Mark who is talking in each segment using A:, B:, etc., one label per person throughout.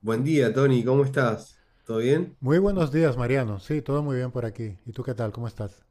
A: Buen día, Tony, ¿cómo estás? ¿Todo bien?
B: Muy buenos días, Mariano. Sí, todo muy bien por aquí. ¿Y tú qué tal? ¿Cómo estás?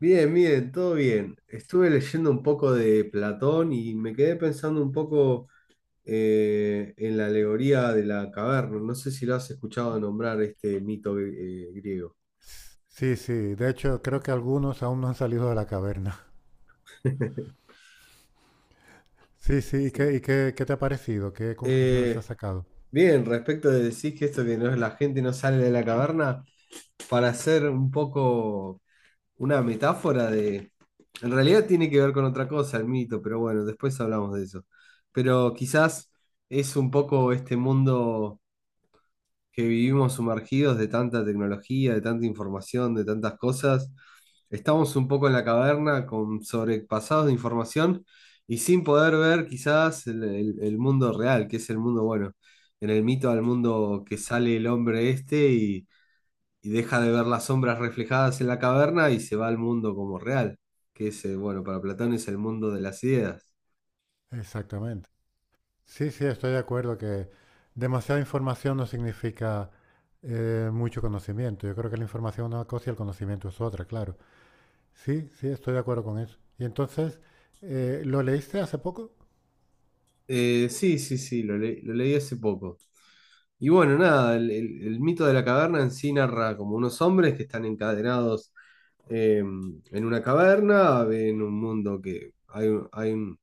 A: Bien, bien, todo bien. Estuve leyendo un poco de Platón y me quedé pensando un poco en la alegoría de la caverna. No sé si lo has escuchado nombrar este mito griego.
B: Sí, sí. De hecho, creo que algunos aún no han salido de la caverna. Sí, sí. ¿Y
A: Sí.
B: qué, y qué, qué te ha parecido? ¿Qué conclusiones has
A: Eh,
B: sacado?
A: Bien, respecto de decir que esto que no es la gente no sale de la caverna, para ser un poco una metáfora de... En realidad tiene que ver con otra cosa, el mito, pero bueno, después hablamos de eso. Pero quizás es un poco este mundo que vivimos sumergidos de tanta tecnología, de tanta información, de tantas cosas. Estamos un poco en la caverna con sobrepasados de información y sin poder ver quizás el mundo real, que es el mundo bueno. En el mito al mundo que sale el hombre este y deja de ver las sombras reflejadas en la caverna y se va al mundo como real, que es, bueno, para Platón es el mundo de las ideas.
B: Exactamente. Sí, sí, estoy de acuerdo que demasiada información no significa mucho conocimiento. Yo creo que la información es una cosa y el conocimiento es otra, claro. Sí, sí, estoy de acuerdo con eso. ¿Y entonces, lo leíste hace poco?
A: Lo leí hace poco. Y bueno, nada, el mito de la caverna en sí narra como unos hombres que están encadenados en una caverna, en un mundo que hay, un- hay, un-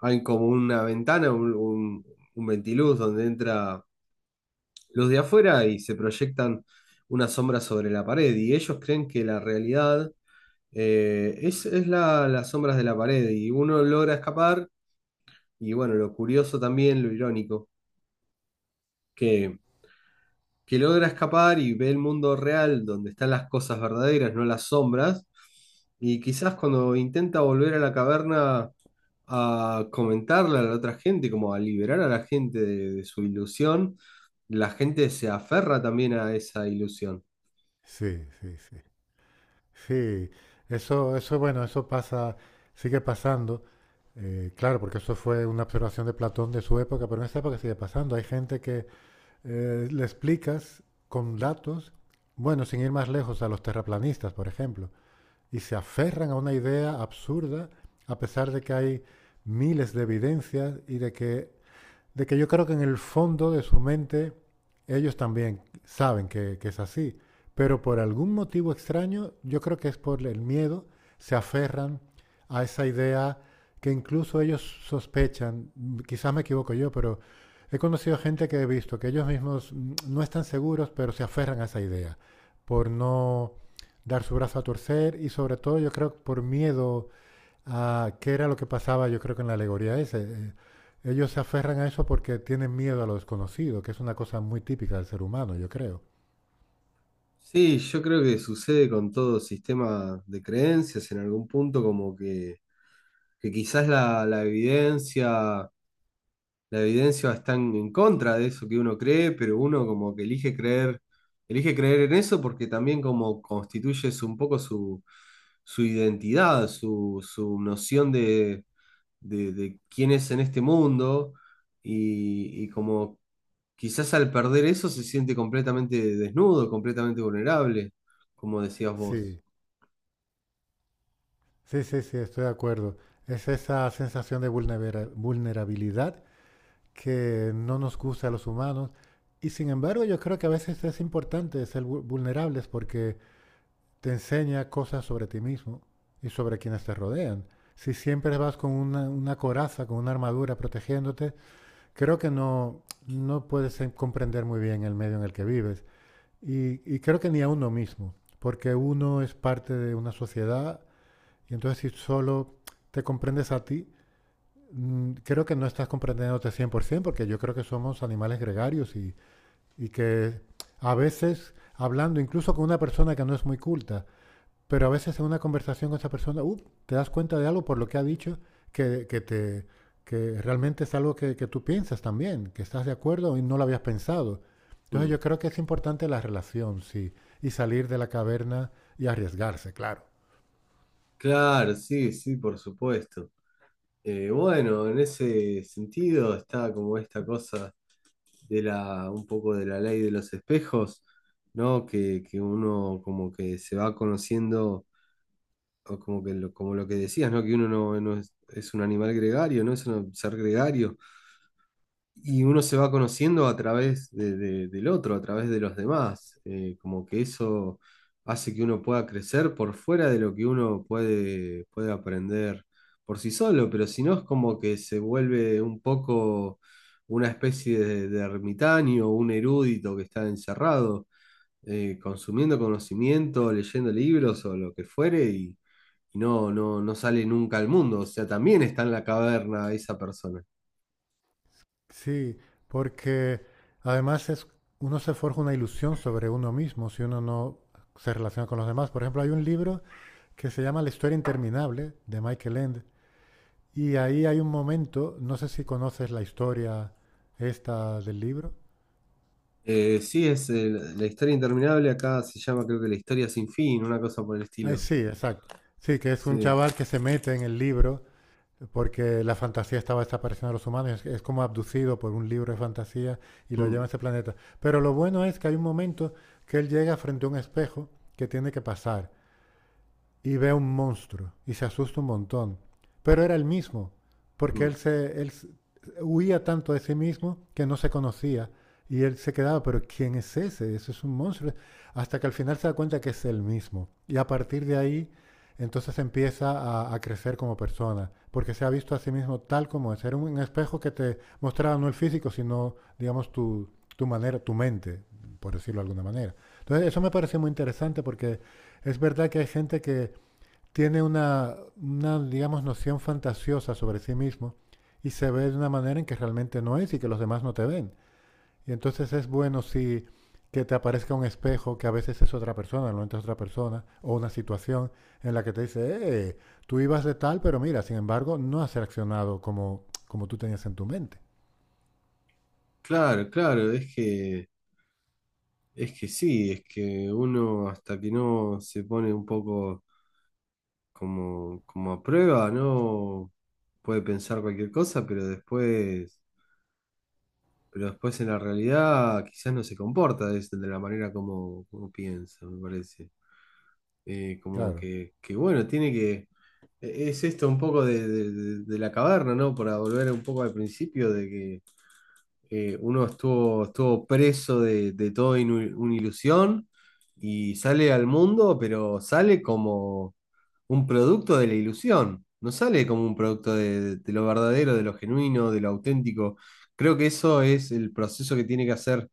A: hay como una ventana, un ventiluz donde entra luz de afuera y se proyectan una sombra sobre la pared. Y ellos creen que la realidad es las sombras de la pared y uno logra escapar y bueno, lo curioso también, lo irónico, que, que logra escapar y ve el mundo real donde están las cosas verdaderas, no las sombras, y quizás cuando intenta volver a la caverna a comentarle a la otra gente, como a liberar a la gente de su ilusión, la gente se aferra también a esa ilusión.
B: Sí, sí, sí. Sí, eso, bueno, eso pasa, sigue pasando, claro, porque eso fue una observación de Platón de su época, pero en esta época sigue pasando. Hay gente que le explicas con datos, bueno, sin ir más lejos, a los terraplanistas, por ejemplo, y se aferran a una idea absurda, a pesar de que hay miles de evidencias y de que yo creo que en el fondo de su mente ellos también saben que es así, pero por algún motivo extraño, yo creo que es por el miedo, se aferran a esa idea que incluso ellos sospechan, quizás me equivoco yo, pero he conocido gente que he visto que ellos mismos no están seguros, pero se aferran a esa idea por no dar su brazo a torcer y sobre todo yo creo por miedo a qué era lo que pasaba, yo creo que en la alegoría ese. Ellos se aferran a eso porque tienen miedo a lo desconocido, que es una cosa muy típica del ser humano, yo creo.
A: Sí, yo creo que sucede con todo sistema de creencias en algún punto como que quizás la evidencia, la evidencia está en contra de eso que uno cree, pero uno como que elige creer en eso porque también como constituye un poco su identidad, su noción de quién es en este mundo y como quizás al perder eso se siente completamente desnudo, completamente vulnerable, como decías vos.
B: Sí, sí, sí, sí, estoy de acuerdo. Es esa sensación de vulnerabilidad que no nos gusta a los humanos. Y sin embargo, yo creo que a veces es importante ser vulnerables porque te enseña cosas sobre ti mismo y sobre quienes te rodean. Si siempre vas con una coraza, con una armadura protegiéndote, creo que no, no puedes comprender muy bien el medio en el que vives. Y creo que ni a uno mismo, porque uno es parte de una sociedad y entonces si solo te comprendes a ti, creo que no estás comprendiéndote 100%, porque yo creo que somos animales gregarios y que a veces, hablando incluso con una persona que no es muy culta, pero a veces en una conversación con esa persona te das cuenta de algo por lo que ha dicho que te, que realmente es algo que, tú piensas también, que estás de acuerdo y no lo habías pensado. Entonces
A: Mm.
B: yo creo que es importante la relación, sí, y salir de la caverna y arriesgarse, claro.
A: Claro, sí, sí, por supuesto. Bueno, en ese sentido está como esta cosa de la, un poco de la ley de los espejos, ¿no? Que uno como que se va conociendo, o como que lo, como lo que decías, ¿no? Que uno no, no es, es un animal gregario, ¿no? Es un ser gregario. Y uno se va conociendo a través del otro, a través de los demás. Como que eso hace que uno pueda crecer por fuera de lo que puede aprender por sí solo, pero si no es como que se vuelve un poco una especie de ermitaño, un erudito que está encerrado, consumiendo conocimiento, leyendo libros o lo que fuere y no sale nunca al mundo. O sea, también está en la caverna esa persona.
B: Sí, porque además es, uno se forja una ilusión sobre uno mismo si uno no se relaciona con los demás. Por ejemplo, hay un libro que se llama La historia interminable, de Michael Ende. Y ahí hay un momento, no sé si conoces la historia esta del libro.
A: Sí, es La historia interminable, acá se llama creo que La historia sin fin, una cosa por el
B: Ah,
A: estilo.
B: sí, exacto. Sí, que es un
A: Sí.
B: chaval que se mete en el libro porque la fantasía estaba desapareciendo de los humanos, es como abducido por un libro de fantasía y lo lleva
A: Mm,
B: a ese planeta. Pero lo bueno es que hay un momento que él llega frente a un espejo que tiene que pasar y ve un monstruo y se asusta un montón. Pero era el mismo, porque
A: mm.
B: él huía tanto de sí mismo que no se conocía y él se quedaba, pero ¿quién es ese? Ese es un monstruo. Hasta que al final se da cuenta que es el mismo. Y a partir de ahí, entonces empieza a crecer como persona, porque se ha visto a sí mismo tal como es. Era un espejo que te mostraba no el físico, sino, digamos, tu manera, tu mente, por decirlo de alguna manera. Entonces, eso me parece muy interesante porque es verdad que hay gente que tiene una, digamos, noción fantasiosa sobre sí mismo y se ve de una manera en que realmente no es y que los demás no te ven. Y entonces es bueno si que te aparezca un espejo que a veces es otra persona, no es otra persona, o una situación en la que te dice, tú ibas de tal, pero mira, sin embargo, no has reaccionado como, como tú tenías en tu mente.
A: Claro, claro, es que sí, es que uno hasta que no se pone un poco como, como a prueba, ¿no? Puede pensar cualquier cosa, pero después pero después en la realidad quizás no se comporta de la manera como, como piensa, me parece. Como
B: Claro,
A: que bueno, tiene que... Es esto un poco de la caverna, ¿no? Para volver un poco al principio de que uno estuvo preso de todo una ilusión y sale al mundo, pero sale como un producto de la ilusión, no sale como un producto de lo verdadero, de lo genuino, de lo auténtico. Creo que eso es el proceso que tiene que hacer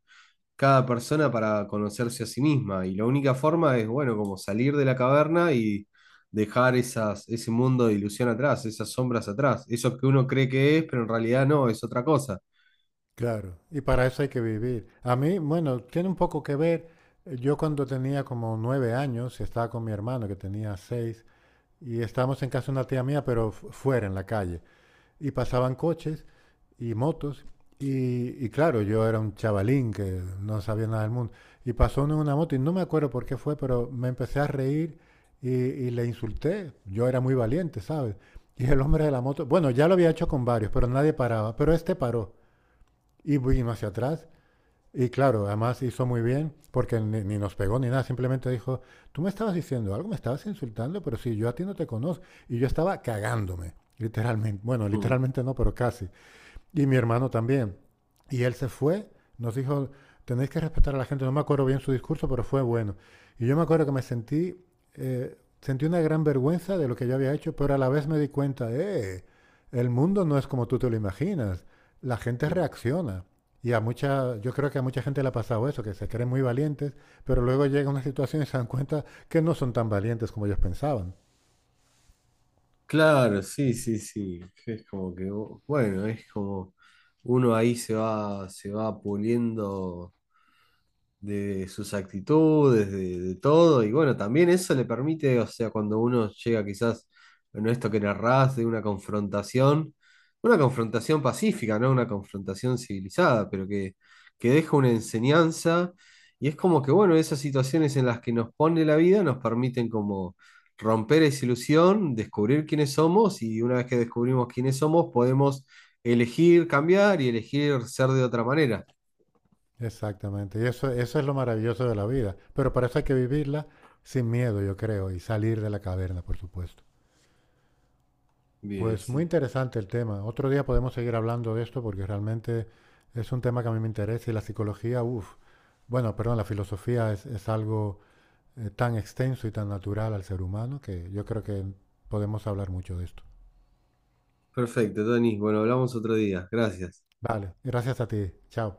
A: cada persona para conocerse a sí misma y la única forma es, bueno, como salir de la caverna y dejar esas, ese mundo de ilusión atrás, esas sombras atrás, eso que uno cree que es, pero en realidad no, es otra cosa.
B: claro. Y para eso hay que vivir. A mí, bueno, tiene un poco que ver, yo cuando tenía como 9 años y estaba con mi hermano que tenía seis, y estábamos en casa de una tía mía, pero fuera, en la calle. Y pasaban coches y motos. Y claro, yo era un chavalín que no sabía nada del mundo. Y pasó uno en una moto y no me acuerdo por qué fue, pero me empecé a reír y le insulté. Yo era muy valiente, ¿sabes? Y el hombre de la moto, bueno, ya lo había hecho con varios, pero nadie paraba. Pero este paró y vino hacia atrás y claro, además hizo muy bien, porque ni, ni nos pegó ni nada, simplemente dijo, tú me estabas diciendo algo, me estabas insultando, pero si yo a ti no te conozco. Y yo estaba cagándome, literalmente. Bueno,
A: Mm,
B: literalmente no, pero casi. Y mi hermano también. Y él se fue, nos dijo, tenéis que respetar a la gente. No me acuerdo bien su discurso, pero fue bueno. Y yo me acuerdo que me sentí, sentí una gran vergüenza de lo que yo había hecho, pero a la vez me di cuenta, el mundo no es como tú te lo imaginas. La gente
A: mm.
B: reacciona. Y a mucha, yo creo que a mucha gente le ha pasado eso, que se creen muy valientes, pero luego llega una situación y se dan cuenta que no son tan valientes como ellos pensaban.
A: Claro, sí, sí, sí. Es como que, bueno, es como uno ahí se va puliendo de sus actitudes, de todo, y bueno, también eso le permite, o sea, cuando uno llega quizás, bueno, esto que narrás de una confrontación pacífica, ¿no? Una confrontación civilizada, pero que deja una enseñanza, y es como que, bueno, esas situaciones en las que nos pone la vida nos permiten como romper esa ilusión, descubrir quiénes somos, y una vez que descubrimos quiénes somos, podemos elegir cambiar y elegir ser de otra manera.
B: Exactamente. Y eso es lo maravilloso de la vida. Pero para eso hay que vivirla sin miedo, yo creo, y salir de la caverna, por supuesto.
A: Bien,
B: Pues muy
A: sí.
B: interesante el tema. Otro día podemos seguir hablando de esto porque realmente es un tema que a mí me interesa y la psicología, uff, bueno, perdón, la filosofía es algo tan extenso y tan natural al ser humano que yo creo que podemos hablar mucho de esto.
A: Perfecto, Tony. Bueno, hablamos otro día. Gracias.
B: Vale, gracias a ti. Chao.